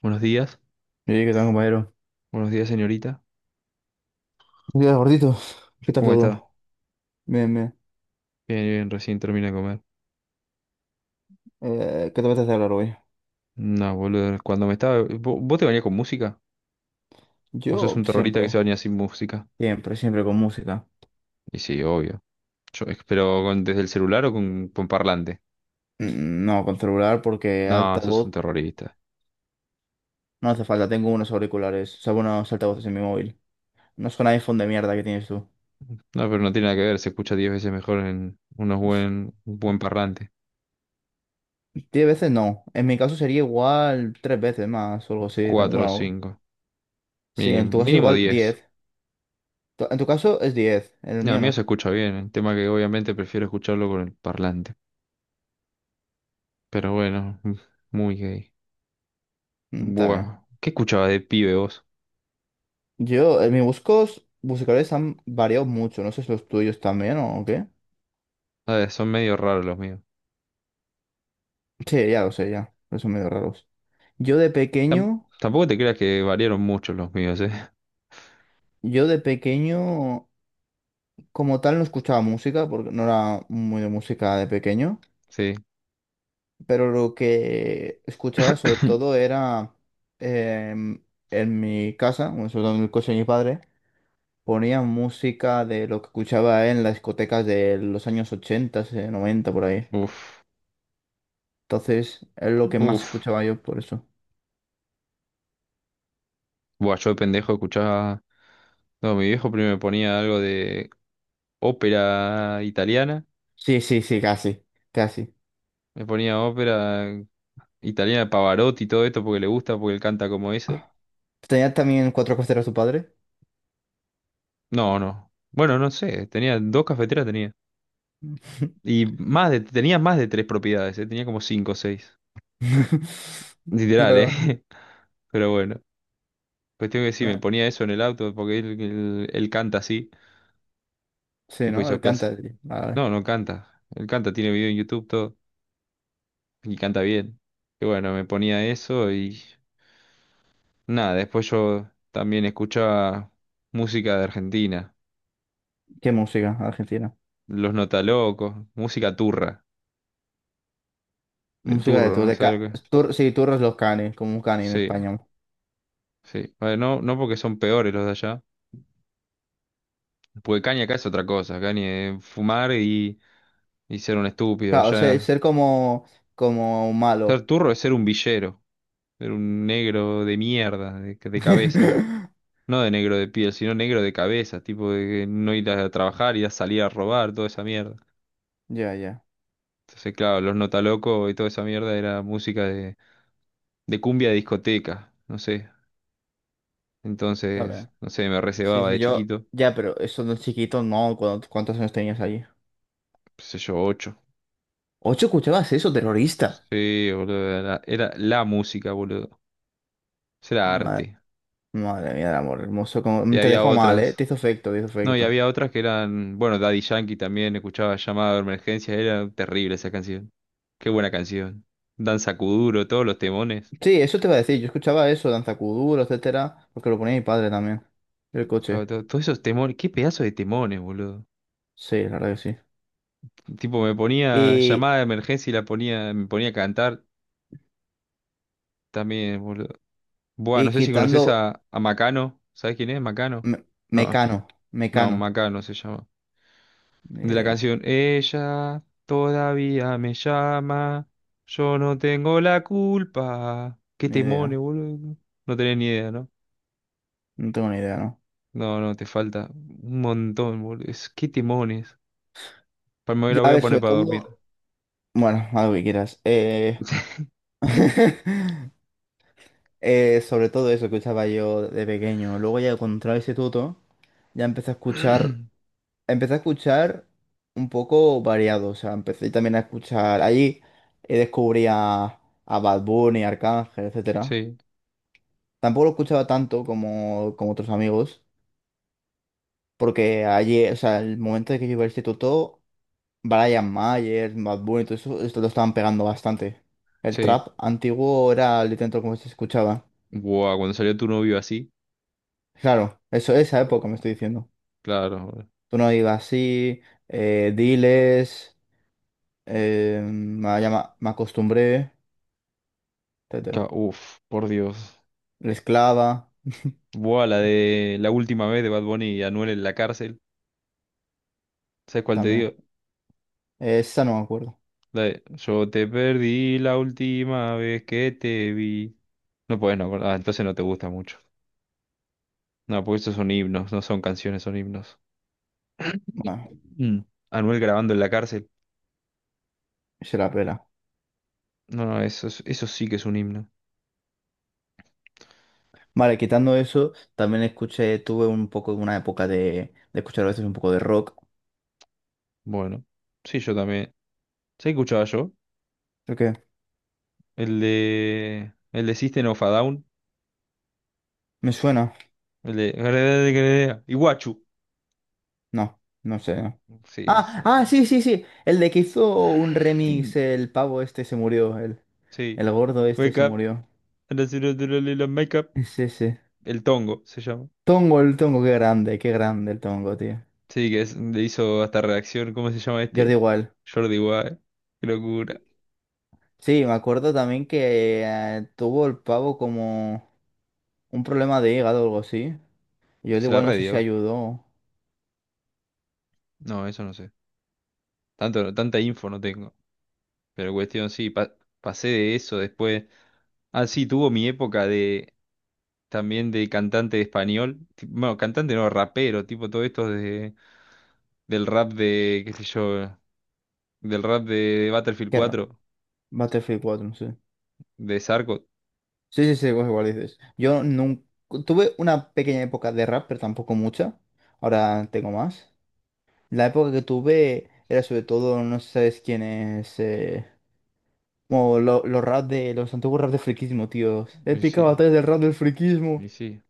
Buenos días, Oye, ¿qué tal, compañero? buenos días señorita. Buenos días, gordito. ¿Qué tal ¿Cómo está? todo? Bien, bien. Bien, bien, recién terminé de comer. ¿Qué te apetece hablar hoy? No, boludo, cuando me estaba... ¿¿Vos te bañás con música? ¿O sos Yo un terrorista que se siempre, baña sin música? siempre, siempre con música. Y sí, obvio. Yo, ¿Pero desde el celular o con parlante? Mm, no, con celular porque No, sos altavoz un terrorista. no hace falta. Tengo unos auriculares, o sea, unos altavoces en mi móvil. No son iPhone de mierda que tienes tú. No, pero no tiene nada que ver, se escucha 10 veces mejor en unos Es- un buen parlante. Diez veces no. En mi caso sería igual tres veces más o algo así. 4 o Bueno, 5, sí, en mínimo, tu caso mínimo igual 10. diez. En tu caso es diez, en el No, a mío mí no. se escucha bien, el tema que obviamente prefiero escucharlo con el parlante. Pero bueno, muy gay. Está bien. Buah. ¿Qué escuchaba de pibe vos? Mis buscos musicales han variado mucho. No sé si los tuyos también o qué. A ver, son medio raros los míos. Sí, ya lo sé, ya. Pero son medio raros. Yo de Tam- pequeño, tampoco te creas que variaron mucho los míos, ¿eh? yo de pequeño, como tal, no escuchaba música, porque no era muy de música de pequeño. Sí. Pero lo que escuchaba sobre todo era em, en mi casa, bueno, sobre todo en el coche de mi padre, ponía música de lo que escuchaba en las discotecas de los años 80 90, por ahí. Uf. Entonces, es lo que más Uf. escuchaba yo por eso. Buah, yo de pendejo escuchaba. No, mi viejo primero me ponía algo de ópera italiana. Sí, sí, sí, casi, casi. Me ponía ópera italiana de Pavarotti y todo esto porque le gusta, porque él canta como eso. ¿Tenía también cuatro costeros su padre? No, no. Bueno, no sé. Tenía dos cafeteras, tenía. Y más de, tenía más de tres propiedades, ¿eh? Tenía como cinco o seis. Literal, Pero, ¿eh? Pero bueno. Cuestión que sí me eh, ponía eso en el auto porque él canta así. sí, Tipo ¿no? hizo Él clase. canta. Sí. Vale. No, no canta. Él canta, tiene video en YouTube, todo. Y canta bien. Y bueno, me ponía eso y nada, después yo también escuchaba música de Argentina. ¿Qué música argentina? Los Notalocos, música turra, de Música de turro, tour, no de sé ca lo que. tour sí, Turros los Canes, como un cani en Sí, español. sí. Bueno, no, no porque son peores los de allá. Porque Caña acá es otra cosa. Caña es fumar y ser un estúpido. Claro, ser, Allá ser como, ser malo. turro es ser un villero. Era un negro de mierda, de cabeza. No de negro de piel, sino negro de cabeza, tipo de que no ir a trabajar, ir a salir a robar, toda esa mierda. Ya, ya. Entonces, claro, los Nota Loco y toda esa mierda era música de cumbia de discoteca, no sé. Está Entonces, bien. no sé, me Sí, recebaba sí, de yo. chiquito, Ya, pero eso de chiquito, no. ¿Cuántos años tenías allí? qué sé yo, ocho. ¿8 escuchabas eso, terrorista? Sí, boludo, era la música, boludo. Eso era Ah, arte. madre mía, el amor hermoso. Y Te había dejó mal, ¿eh? otras. Te hizo efecto, te hizo No, y efecto. había otras que eran, bueno, Daddy Yankee también escuchaba llamada de emergencia, era terrible esa canción. Qué buena canción. Danza Kuduro, todos los temones. Sí, eso te iba a decir. Yo escuchaba eso, Danza Kuduro, etcétera, porque lo ponía mi padre también. El Claro, coche. todos esos temones, qué pedazo de temones, boludo. Sí, la verdad que sí. Tipo, me ponía Y, llamada de emergencia y la ponía, me ponía a cantar también, boludo. Buah, y no sé si conoces quitando a Macano, ¿sabes quién es Macano? No, Mecano, no, Mecano. Macano se llama. Ni De la idea, canción Ella todavía me llama, yo no tengo la culpa. Qué ni temones, idea. boludo. No No tenés ni idea, ¿no? No tengo ni idea, ¿no? No, no, te falta un montón, boludo. Es, qué temones. Para me la Ya, voy a a ver, poner sobre para dormir. todo. Bueno, algo que quieras. Sobre todo eso que escuchaba yo de pequeño. Luego ya cuando entré al instituto, ya empecé a escuchar empecé a escuchar un poco variado, o sea, empecé también a escuchar, allí descubrí a Bad Bunny, Arcángel, etcétera. Sí, Tampoco lo escuchaba tanto como otros amigos, porque allí, o sea, el momento de que yo iba al instituto, Brian Mayer, Bad Bunny, todo eso, esto lo estaban pegando bastante. El sí. trap antiguo era literalmente como se escuchaba. Buah, cuando salió tu novio así. Claro, eso, esa época me Buah, estoy diciendo. claro. Boludo. Tú no ibas así, diles, me acostumbré, etcétera. Uf, por Dios. La esclava, Buah, la ta- de la última vez de Bad Bunny y Anuel en la cárcel. ¿Sabes cuál te también. digo? Esa no me acuerdo. De, yo te perdí la última vez que te vi. No puedes no acordar. Ah, entonces no te gusta mucho. No, porque esos son himnos, no son canciones, son himnos. Bueno, Mm. Anuel grabando en la cárcel. se la pela. No, no, eso, eso sí que es un himno. Vale, quitando eso, también escuché, tuve un poco, una época de escuchar a veces un poco de rock. Bueno, sí, yo también. ¿Se escuchaba yo? ¿Por qué? El de. El de System of a Down. ¿Me suena? El de. Iguachu. No, no sé. No. Sí, Ah, ah, son. sí, sí, sí. El de que hizo un remix, el pavo este se murió, el, Sí. el gordo este Wake se up murió. and I see the little makeup. Es ese. El tongo se llama. Tongo, el Tongo, qué grande el Tongo, tío. Sí, le hizo hasta reacción, ¿cómo se llama Jordi este? igual. Jordi Wild. Qué locura. Sí, me acuerdo también que tuvo el pavo como... Un problema de hígado o algo así. Yo de Se la igual no sé si redió. ayudó. No, eso no sé. Tanta info no tengo. Pero cuestión, sí, pasé de eso después. Ah, sí, tuvo mi época de también de cantante de español. Bueno, cantante no, rapero, tipo todo esto de, del rap de, qué sé yo, del rap de, Battlefield Qué raro. 4, Battlefield 4 no sé. de Sarco. Sí, sí, sí, igual igual dices. Yo nunca... Tuve una pequeña época de rap, pero tampoco mucha. Ahora tengo más. La época que tuve era sobre todo, no sé si sabes quién es... los rap de... Los antiguos rap de friquismo, tíos. Y Épica sí, batalla del rap del friquismo. y sí.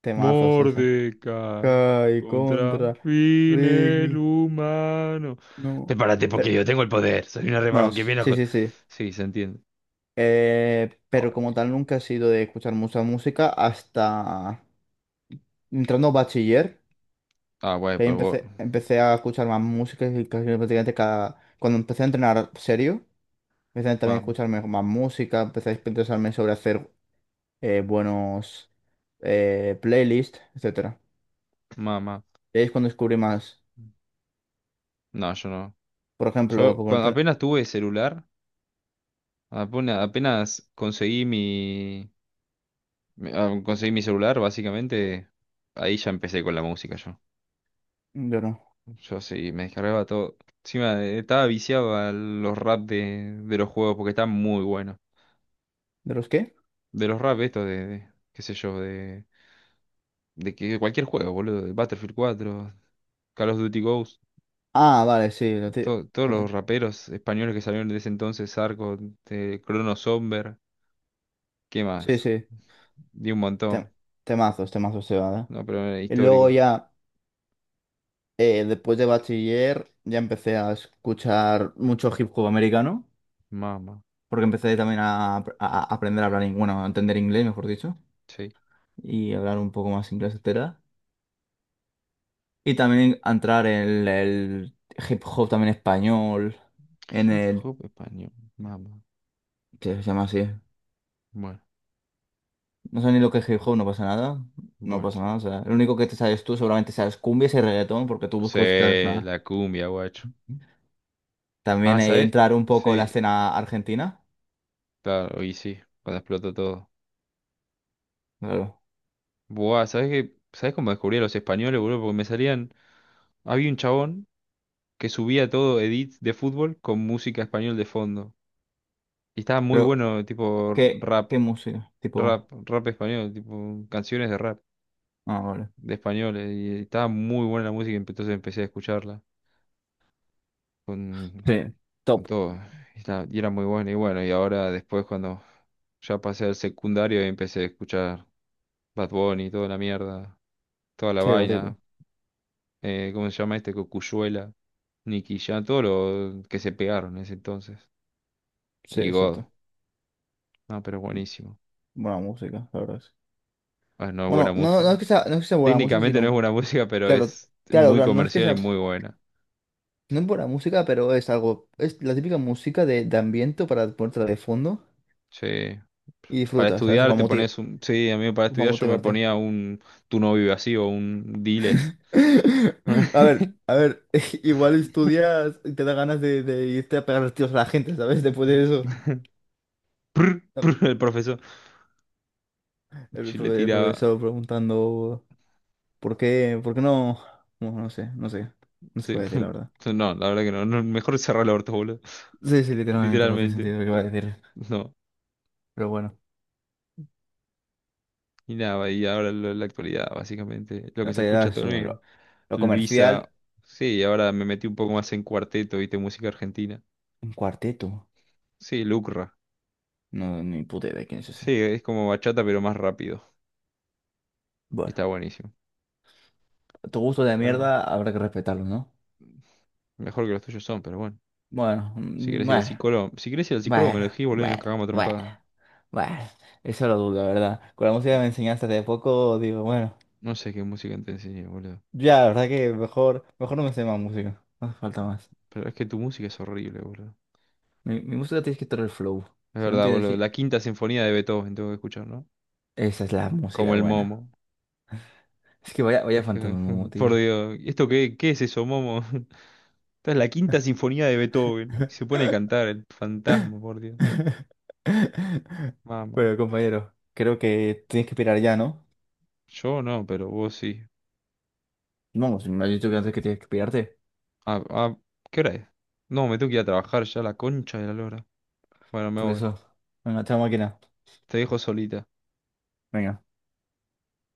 Temazos esa. Mordecai Kai contra contra fin el Rigby. humano. No. Prepárate porque Pero, yo tengo el poder. Soy una bueno, rebajo que viene a... sí, sí, sí. Sí, se entiende. Pero Ah, como qué- tal nunca he sido de escuchar mucha música hasta entrando a bachiller, ah, güey, que ahí pero vos. empecé a escuchar más música y casi prácticamente cada... Cuando empecé a entrenar serio, empecé también a Mamá, escuchar más música, empecé a interesarme sobre hacer buenos playlists, etcétera. mamá. Y ahí es cuando descubrí más, No, yo no. por ejemplo, Yo cuando apenas tuve celular, apenas, apenas conseguí mi, ah, conseguí mi celular, básicamente, ahí ya empecé con la música yo. yo no. Yo sí, me descargaba todo. Encima estaba viciado a los rap de los juegos porque están muy buenos. ¿De los qué? De los rap estos de, qué sé yo, de que cualquier juego, boludo, de Battlefield 4 Call of Duty Ghost, Ah, vale, sí, todos lo los ti- raperos españoles que salieron de ese entonces, Arco, Crono Somber, ¿qué sí, más? sí, Di un te- montón, temazos, temazos se va, ¿eh? no, pero era Y luego histórico, ya... después de bachiller ya empecé a escuchar mucho hip hop americano, mama, porque empecé también a aprender a hablar, bueno, a entender inglés, mejor dicho, sí. y hablar un poco más inglés, etcétera. Y también a entrar en el hip hop también español, en Hip el... hop español, mama, ¿Qué se llama así? bueno, No sé ni lo que es hip hop, no pasa nada. No bueno. pasa nada, o sea, lo único que te sabes tú seguramente sabes cumbias y reggaetón, porque tú buscas el Sí, flan la cumbia, guacho. Ah, también ¿sabes? entrar un poco en la Sí, escena argentina, claro, y sí, cuando explotó todo. Buah, ¿sabes qué? ¿Sabes cómo descubrí a los españoles, boludo? Porque me salían. Había un chabón que subía todo edits de fútbol con música español de fondo. Y estaba muy claro. bueno, tipo ¿Qué, rap, qué música? Tipo, rap español, tipo canciones de rap, ah, vale. de españoles. Y estaba muy buena la música, entonces empecé a escucharla con, Sí, con top. todo. Y, y era muy bueno. Y bueno, y ahora después cuando ya pasé al secundario empecé a escuchar Bad Bunny, toda la mierda, toda la Sí, lo típico. vaina. ¿Cómo se llama este? Cocuyuela, Nicky Jam, todo lo que se pegaron en ese entonces. Sí, Y God. exacto. No, pero buenísimo. Buena música, la verdad. Sí. Ah, no es buena Bueno, no, no música. es que sea, no es que sea, buena música, Técnicamente no sino, es buena música, pero claro, es claro, muy claro, no es que comercial y sea, muy buena. no es buena música, pero es algo, es la típica música de ambiente para ponerte de fondo Sí. y Para disfrutas, ¿sabes? Estudiar te pones un... Sí, a mí para Para estudiar yo me motivarte. ponía un Tu no vive así o un Diles. A ver, igual estudias y te da ganas de irte a pegar los tiros a la gente, ¿sabes? Después de eso. Prr, prr, El profesor. Sí, le El tiraba. profesor preguntando. ¿Por qué no? No, no sé, no sé. No sé qué voy Sí. a decir, la verdad. No, la verdad que no. No, mejor cerrar el orto, boludo. Sí, sí, literalmente, no tiene Literalmente. sentido lo que voy a decir. No. Pero bueno, Y nada, la actualidad, básicamente. Lo no que se te dirá escucha todo el eso. día. Lo Luisa. comercial, Sí, ahora me metí un poco más en cuarteto, viste, música argentina. un cuarteto. Sí, Lucra. No, ni puta idea de quién es ese. Sí, es como bachata, pero más rápido. Y Bueno, está buenísimo. tu gusto de Pero mierda habrá que respetarlo, ¿no? mejor que los tuyos son, pero bueno. Bueno, Si querés ir al bueno, psicólogo, si querés ir al psicólogo, me bueno, lo decís, boludo, y nos bueno, cagamos a bueno, trompadas. bueno. Eso lo dudo, la verdad. Con la música que Sí. me enseñaste hace poco, digo, bueno, No sé qué música te enseñé, boludo. ya, la verdad que mejor, mejor no me sé más música. No hace falta más. Pero es que tu música es horrible, boludo. Mi música tienes que tener el flow. Es Si no verdad, tienes boludo. si, La quinta sinfonía de Beethoven tengo que escuchar, ¿no? Esa es la Como música el buena. Momo. Es que vaya, vaya fantasma, Dije, Momo, tío. por Dios, ¿esto qué, qué es eso, Momo? Esta es la quinta sinfonía de Beethoven. Se pone a cantar el fantasma, por Dios. Mamá. Pero compañero, creo que tienes que pirar ya, ¿no? Yo no, pero vos sí. Vamos, me has dicho que antes que tienes que pirarte. Ah, ah, ¿qué hora es? No, me tengo que ir a trabajar ya la concha de la lora. Bueno, me Por voy. eso, venga, chao máquina. Te dejo solita. Venga.